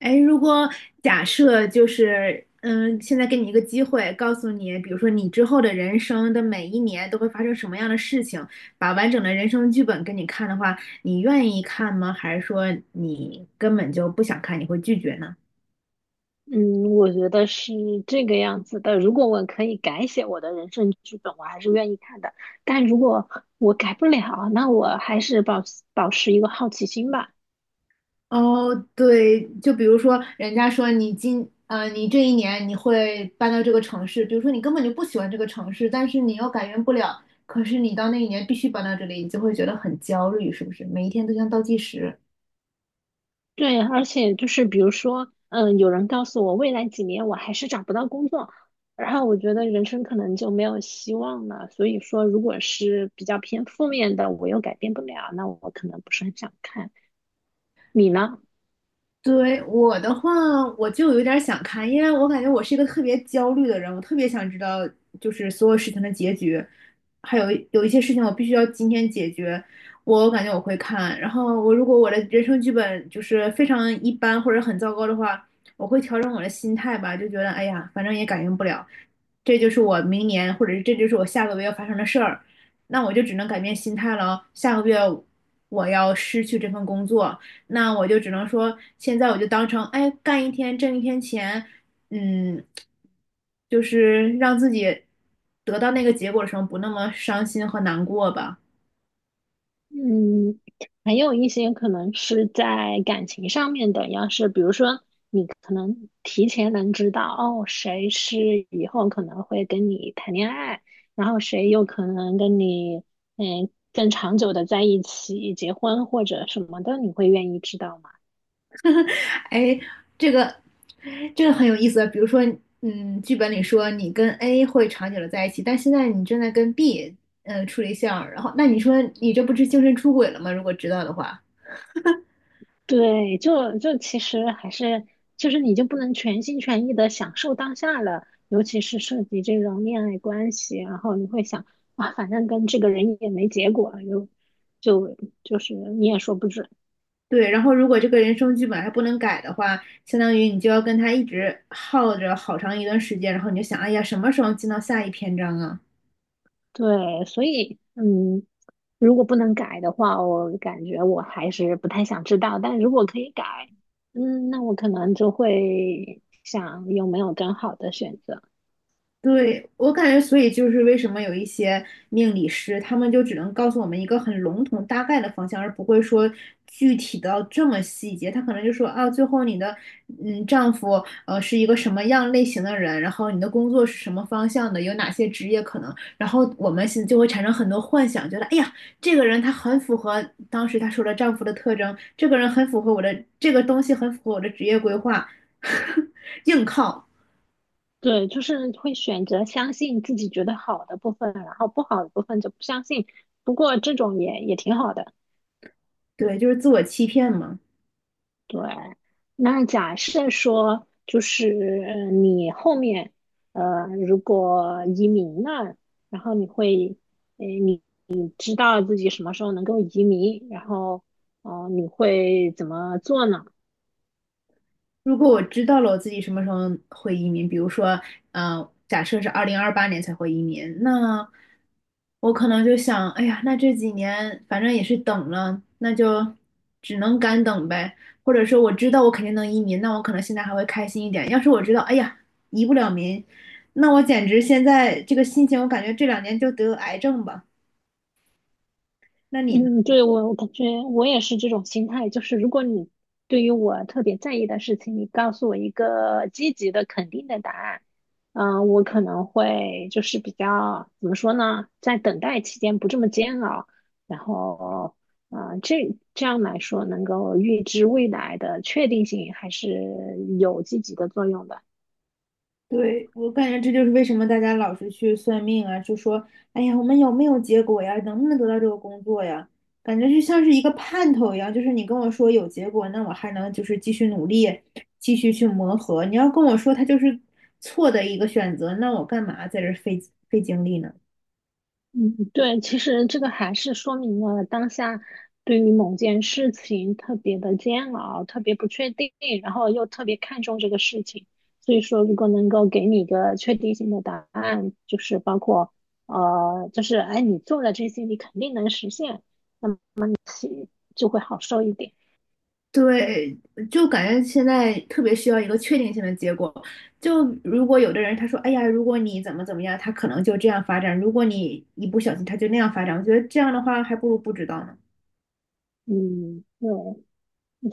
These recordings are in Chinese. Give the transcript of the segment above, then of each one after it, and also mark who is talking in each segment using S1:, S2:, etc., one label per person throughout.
S1: 哎，如果假设就是，现在给你一个机会，告诉你，比如说你之后的人生的每一年都会发生什么样的事情，把完整的人生剧本给你看的话，你愿意看吗？还是说你根本就不想看，你会拒绝呢？
S2: 嗯，我觉得是这个样子的。如果我可以改写我的人生剧本，我还是愿意看的。但如果我改不了，那我还是保持一个好奇心吧。
S1: 哦，对，就比如说人家说你这一年你会搬到这个城市，比如说你根本就不喜欢这个城市，但是你又改变不了，可是你到那一年必须搬到这里，你就会觉得很焦虑，是不是？每一天都像倒计时。
S2: 对，而且就是比如说，有人告诉我未来几年我还是找不到工作，然后我觉得人生可能就没有希望了。所以说，如果是比较偏负面的，我又改变不了，那我可能不是很想看。你呢？
S1: 对，我的话，我就有点儿想看，因为我感觉我是一个特别焦虑的人，我特别想知道就是所有事情的结局，还有有一些事情我必须要今天解决，我感觉我会看。然后我如果我的人生剧本就是非常一般或者很糟糕的话，我会调整我的心态吧，就觉得哎呀，反正也改变不了，这就是我明年或者是这就是我下个月要发生的事儿，那我就只能改变心态了，下个月我要失去这份工作。那我就只能说，现在我就当成，哎，干一天挣一天钱，嗯，就是让自己得到那个结果的时候不那么伤心和难过吧。
S2: 嗯，还有一些可能是在感情上面的，要是比如说你可能提前能知道哦，谁是以后可能会跟你谈恋爱，然后谁有可能跟你更长久的在一起结婚或者什么的，你会愿意知道吗？
S1: 哎，这个这个很有意思。比如说，剧本里说你跟 A 会长久的在一起，但现在你正在跟 B 处对象，然后那你说你这不是精神出轨了吗？如果知道的话。
S2: 对，就其实还是就是你就不能全心全意的享受当下了，尤其是涉及这种恋爱关系，然后你会想啊，反正跟这个人也没结果，又就就是你也说不准。
S1: 对，然后如果这个人生剧本还不能改的话，相当于你就要跟他一直耗着好长一段时间，然后你就想，哎呀，什么时候进到下一篇章啊？
S2: 对，所以如果不能改的话，我感觉我还是不太想知道。但如果可以改，那我可能就会想有没有更好的选择。
S1: 对，我感觉，所以就是为什么有一些命理师，他们就只能告诉我们一个很笼统、大概的方向，而不会说具体到这么细节。他可能就说啊，最后你的丈夫是一个什么样类型的人，然后你的工作是什么方向的，有哪些职业可能，然后我们现就会产生很多幻想，觉得哎呀，这个人他很符合当时他说的丈夫的特征，这个人很符合我的，这个东西很符合我的职业规划，硬靠，
S2: 对，就是会选择相信自己觉得好的部分，然后不好的部分就不相信。不过这种也挺好的。
S1: 对，就是自我欺骗嘛。
S2: 对，那假设说就是你后面如果移民了，然后你会你知道自己什么时候能够移民，然后哦、你会怎么做呢？
S1: 如果我知道了我自己什么时候会移民，比如说，假设是2028年才会移民，那我可能就想，哎呀，那这几年反正也是等了，那就只能干等呗。或者说我知道我肯定能移民，那我可能现在还会开心一点。要是我知道，哎呀，移不了民，那我简直现在这个心情，我感觉这两年就得癌症吧。那你呢？
S2: 嗯，对，我感觉我也是这种心态，就是如果你对于我特别在意的事情，你告诉我一个积极的、肯定的答案，我可能会就是比较怎么说呢，在等待期间不这么煎熬，然后，啊，这样来说，能够预知未来的确定性还是有积极的作用的。
S1: 对，我感觉这就是为什么大家老是去算命啊，就说，哎呀，我们有没有结果呀？能不能得到这个工作呀？感觉就像是一个盼头一样，就是你跟我说有结果，那我还能就是继续努力，继续去磨合。你要跟我说它就是错的一个选择，那我干嘛在这儿费精力呢？
S2: 嗯，对，其实这个还是说明了当下对于某件事情特别的煎熬，特别不确定，然后又特别看重这个事情。所以说，如果能够给你一个确定性的答案，就是包括就是哎，你做了这些，你肯定能实现，那么其就会好受一点。
S1: 对，就感觉现在特别需要一个确定性的结果。就如果有的人他说，哎呀，如果你怎么怎么样，他可能就这样发展；如果你一不小心，他就那样发展。我觉得这样的话，还不如不知道呢。
S2: 嗯，对，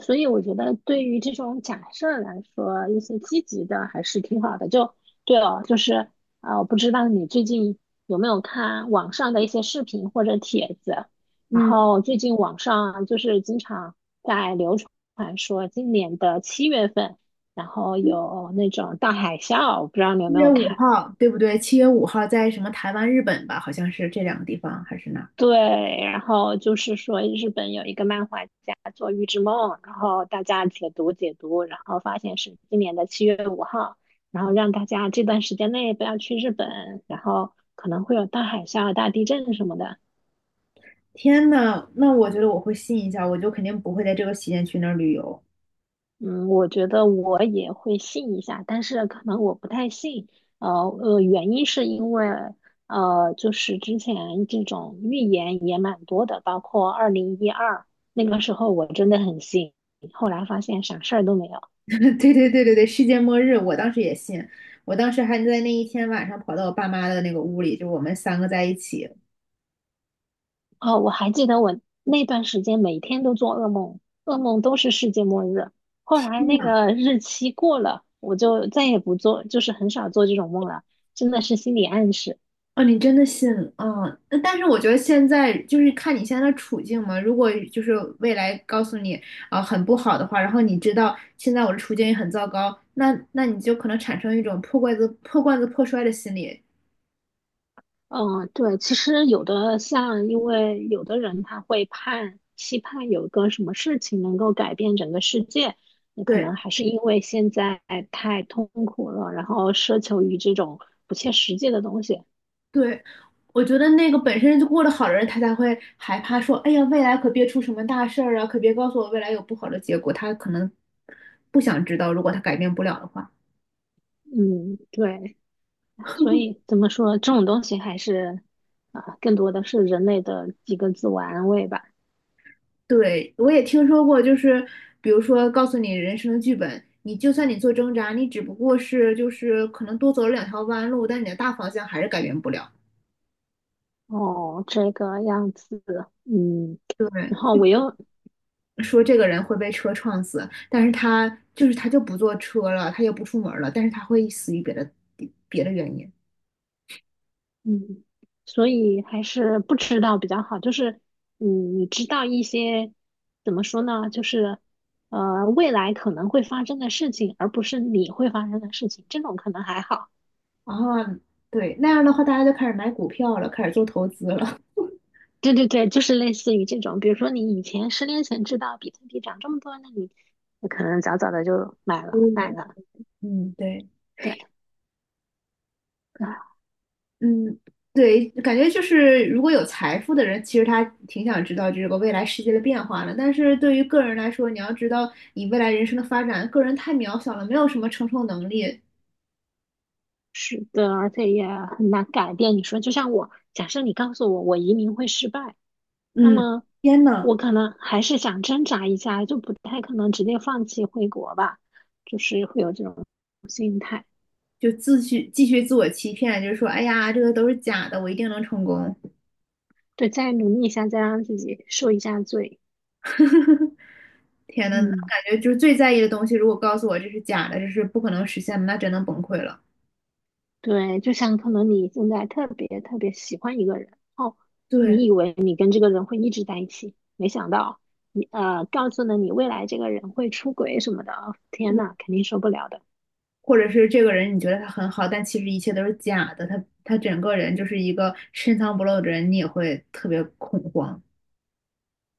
S2: 所以我觉得对于这种假设来说，一些积极的还是挺好的。就对哦，就是啊，我不知道你最近有没有看网上的一些视频或者帖子，然
S1: 嗯，
S2: 后最近网上就是经常在流传说今年的7月份，然后有那种大海啸，我不知道你有
S1: 七
S2: 没
S1: 月
S2: 有
S1: 五
S2: 看。
S1: 号，对不对？七月五号在什么台湾、日本吧？好像是这两个地方，还是哪儿。
S2: 对，然后就是说日本有一个漫画家做《预知梦》，然后大家解读解读，然后发现是今年的7月5号，然后让大家这段时间内不要去日本，然后可能会有大海啸、大地震什么的。
S1: 天呐，那我觉得我会信一下，我就肯定不会在这个期间去那儿旅游。
S2: 嗯，我觉得我也会信一下，但是可能我不太信。呃原因是因为就是之前这种预言也蛮多的，包括2012那个时候，我真的很信，后来发现啥事儿都没有。
S1: 对对对对对，世界末日，我当时也信。我当时还在那一天晚上跑到我爸妈的那个屋里，就我们三个在一起，
S2: 哦，我还记得我那段时间每天都做噩梦，噩梦都是世界末日。后来那个日期过了，我就再也不做，就是很少做这种梦了，真的是心理暗示。
S1: 哦，你真的信哦，但是我觉得现在就是看你现在的处境嘛。如果就是未来告诉你很不好的话，然后你知道现在我的处境也很糟糕，那你就可能产生一种破罐子破摔的心理。
S2: 嗯，对，其实有的像，因为有的人他会期盼有一个什么事情能够改变整个世界，那可
S1: 对
S2: 能还是因为现在太痛苦了，然后奢求于这种不切实际的东西。
S1: 对，我觉得那个本身就过得好的人，他才会害怕说，哎呀，未来可别出什么大事儿啊，可别告诉我未来有不好的结果。他可能不想知道，如果他改变不了的话。
S2: 嗯，对，所以怎么说，这种东西还是啊，更多的是人类的几个自我安慰吧。
S1: 对，我也听说过，就是比如说告诉你人生的剧本，你就算你做挣扎，你只不过是就是可能多走了两条弯路，但你的大方向还是改变不了。
S2: 哦，这个样子，嗯，
S1: 对，
S2: 然后我又
S1: 说这个人会被车撞死，但是他就是他就不坐车了，他也不出门了，但是他会死于别的别的原因。
S2: 嗯，所以还是不知道比较好。就是，你知道一些怎么说呢？就是，未来可能会发生的事情，而不是你会发生的事情，这种可能还好。
S1: 啊，对，那样的话大家就开始买股票了，开始做投资了。
S2: 对对对，就是类似于这种，比如说你以前10年前知道比特币涨这么多，那你可能早早的就买了 买
S1: 对，
S2: 了。
S1: 嗯，对。
S2: 对啊，
S1: 嗯，对，感觉就是如果有财富的人，其实他挺想知道这个未来世界的变化的。但是对于个人来说，你要知道你未来人生的发展，个人太渺小了，没有什么承受能力。
S2: 是的，而且也很难改变。你说，就像我，假设你告诉我我移民会失败。那
S1: 嗯，
S2: 么
S1: 天呐，
S2: 我可能还是想挣扎一下，就不太可能直接放弃回国吧，就是会有这种，
S1: 就继续自我欺骗，就是说，哎呀，这个都是假的，我一定能成功。
S2: 对，再努力一下，再让自己受一下罪。
S1: 天呐，那
S2: 嗯，
S1: 感觉就是最在意的东西，如果告诉我这是假的，这是不可能实现的，那真的崩溃了。
S2: 对，就像可能你现在特别特别喜欢一个人，哦，
S1: 对，
S2: 你以为你跟这个人会一直在一起，没想到你告诉了你未来这个人会出轨什么的，哦天
S1: 嗯
S2: 呐，肯定受不了的。
S1: 或者是这个人你觉得他很好，但其实一切都是假的，他整个人就是一个深藏不露的人，你也会特别恐慌。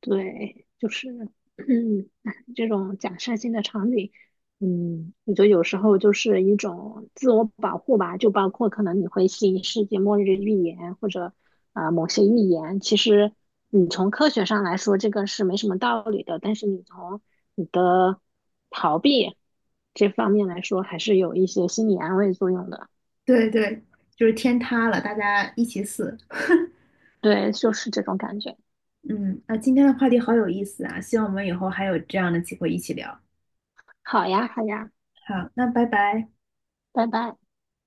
S2: 对，就是，哎这种假设性的场景，我觉得有时候就是一种自我保护吧，就包括可能你会信世界末日预言或者某些预言，其实你从科学上来说这个是没什么道理的，但是你从你的逃避这方面来说，还是有一些心理安慰作用的。
S1: 对对，就是天塌了，大家一起死。
S2: 对，就是这种感觉。
S1: 嗯，那今天的话题好有意思啊，希望我们以后还有这样的机会一起聊。
S2: 好呀，好呀，
S1: 好，那拜拜。
S2: 拜拜。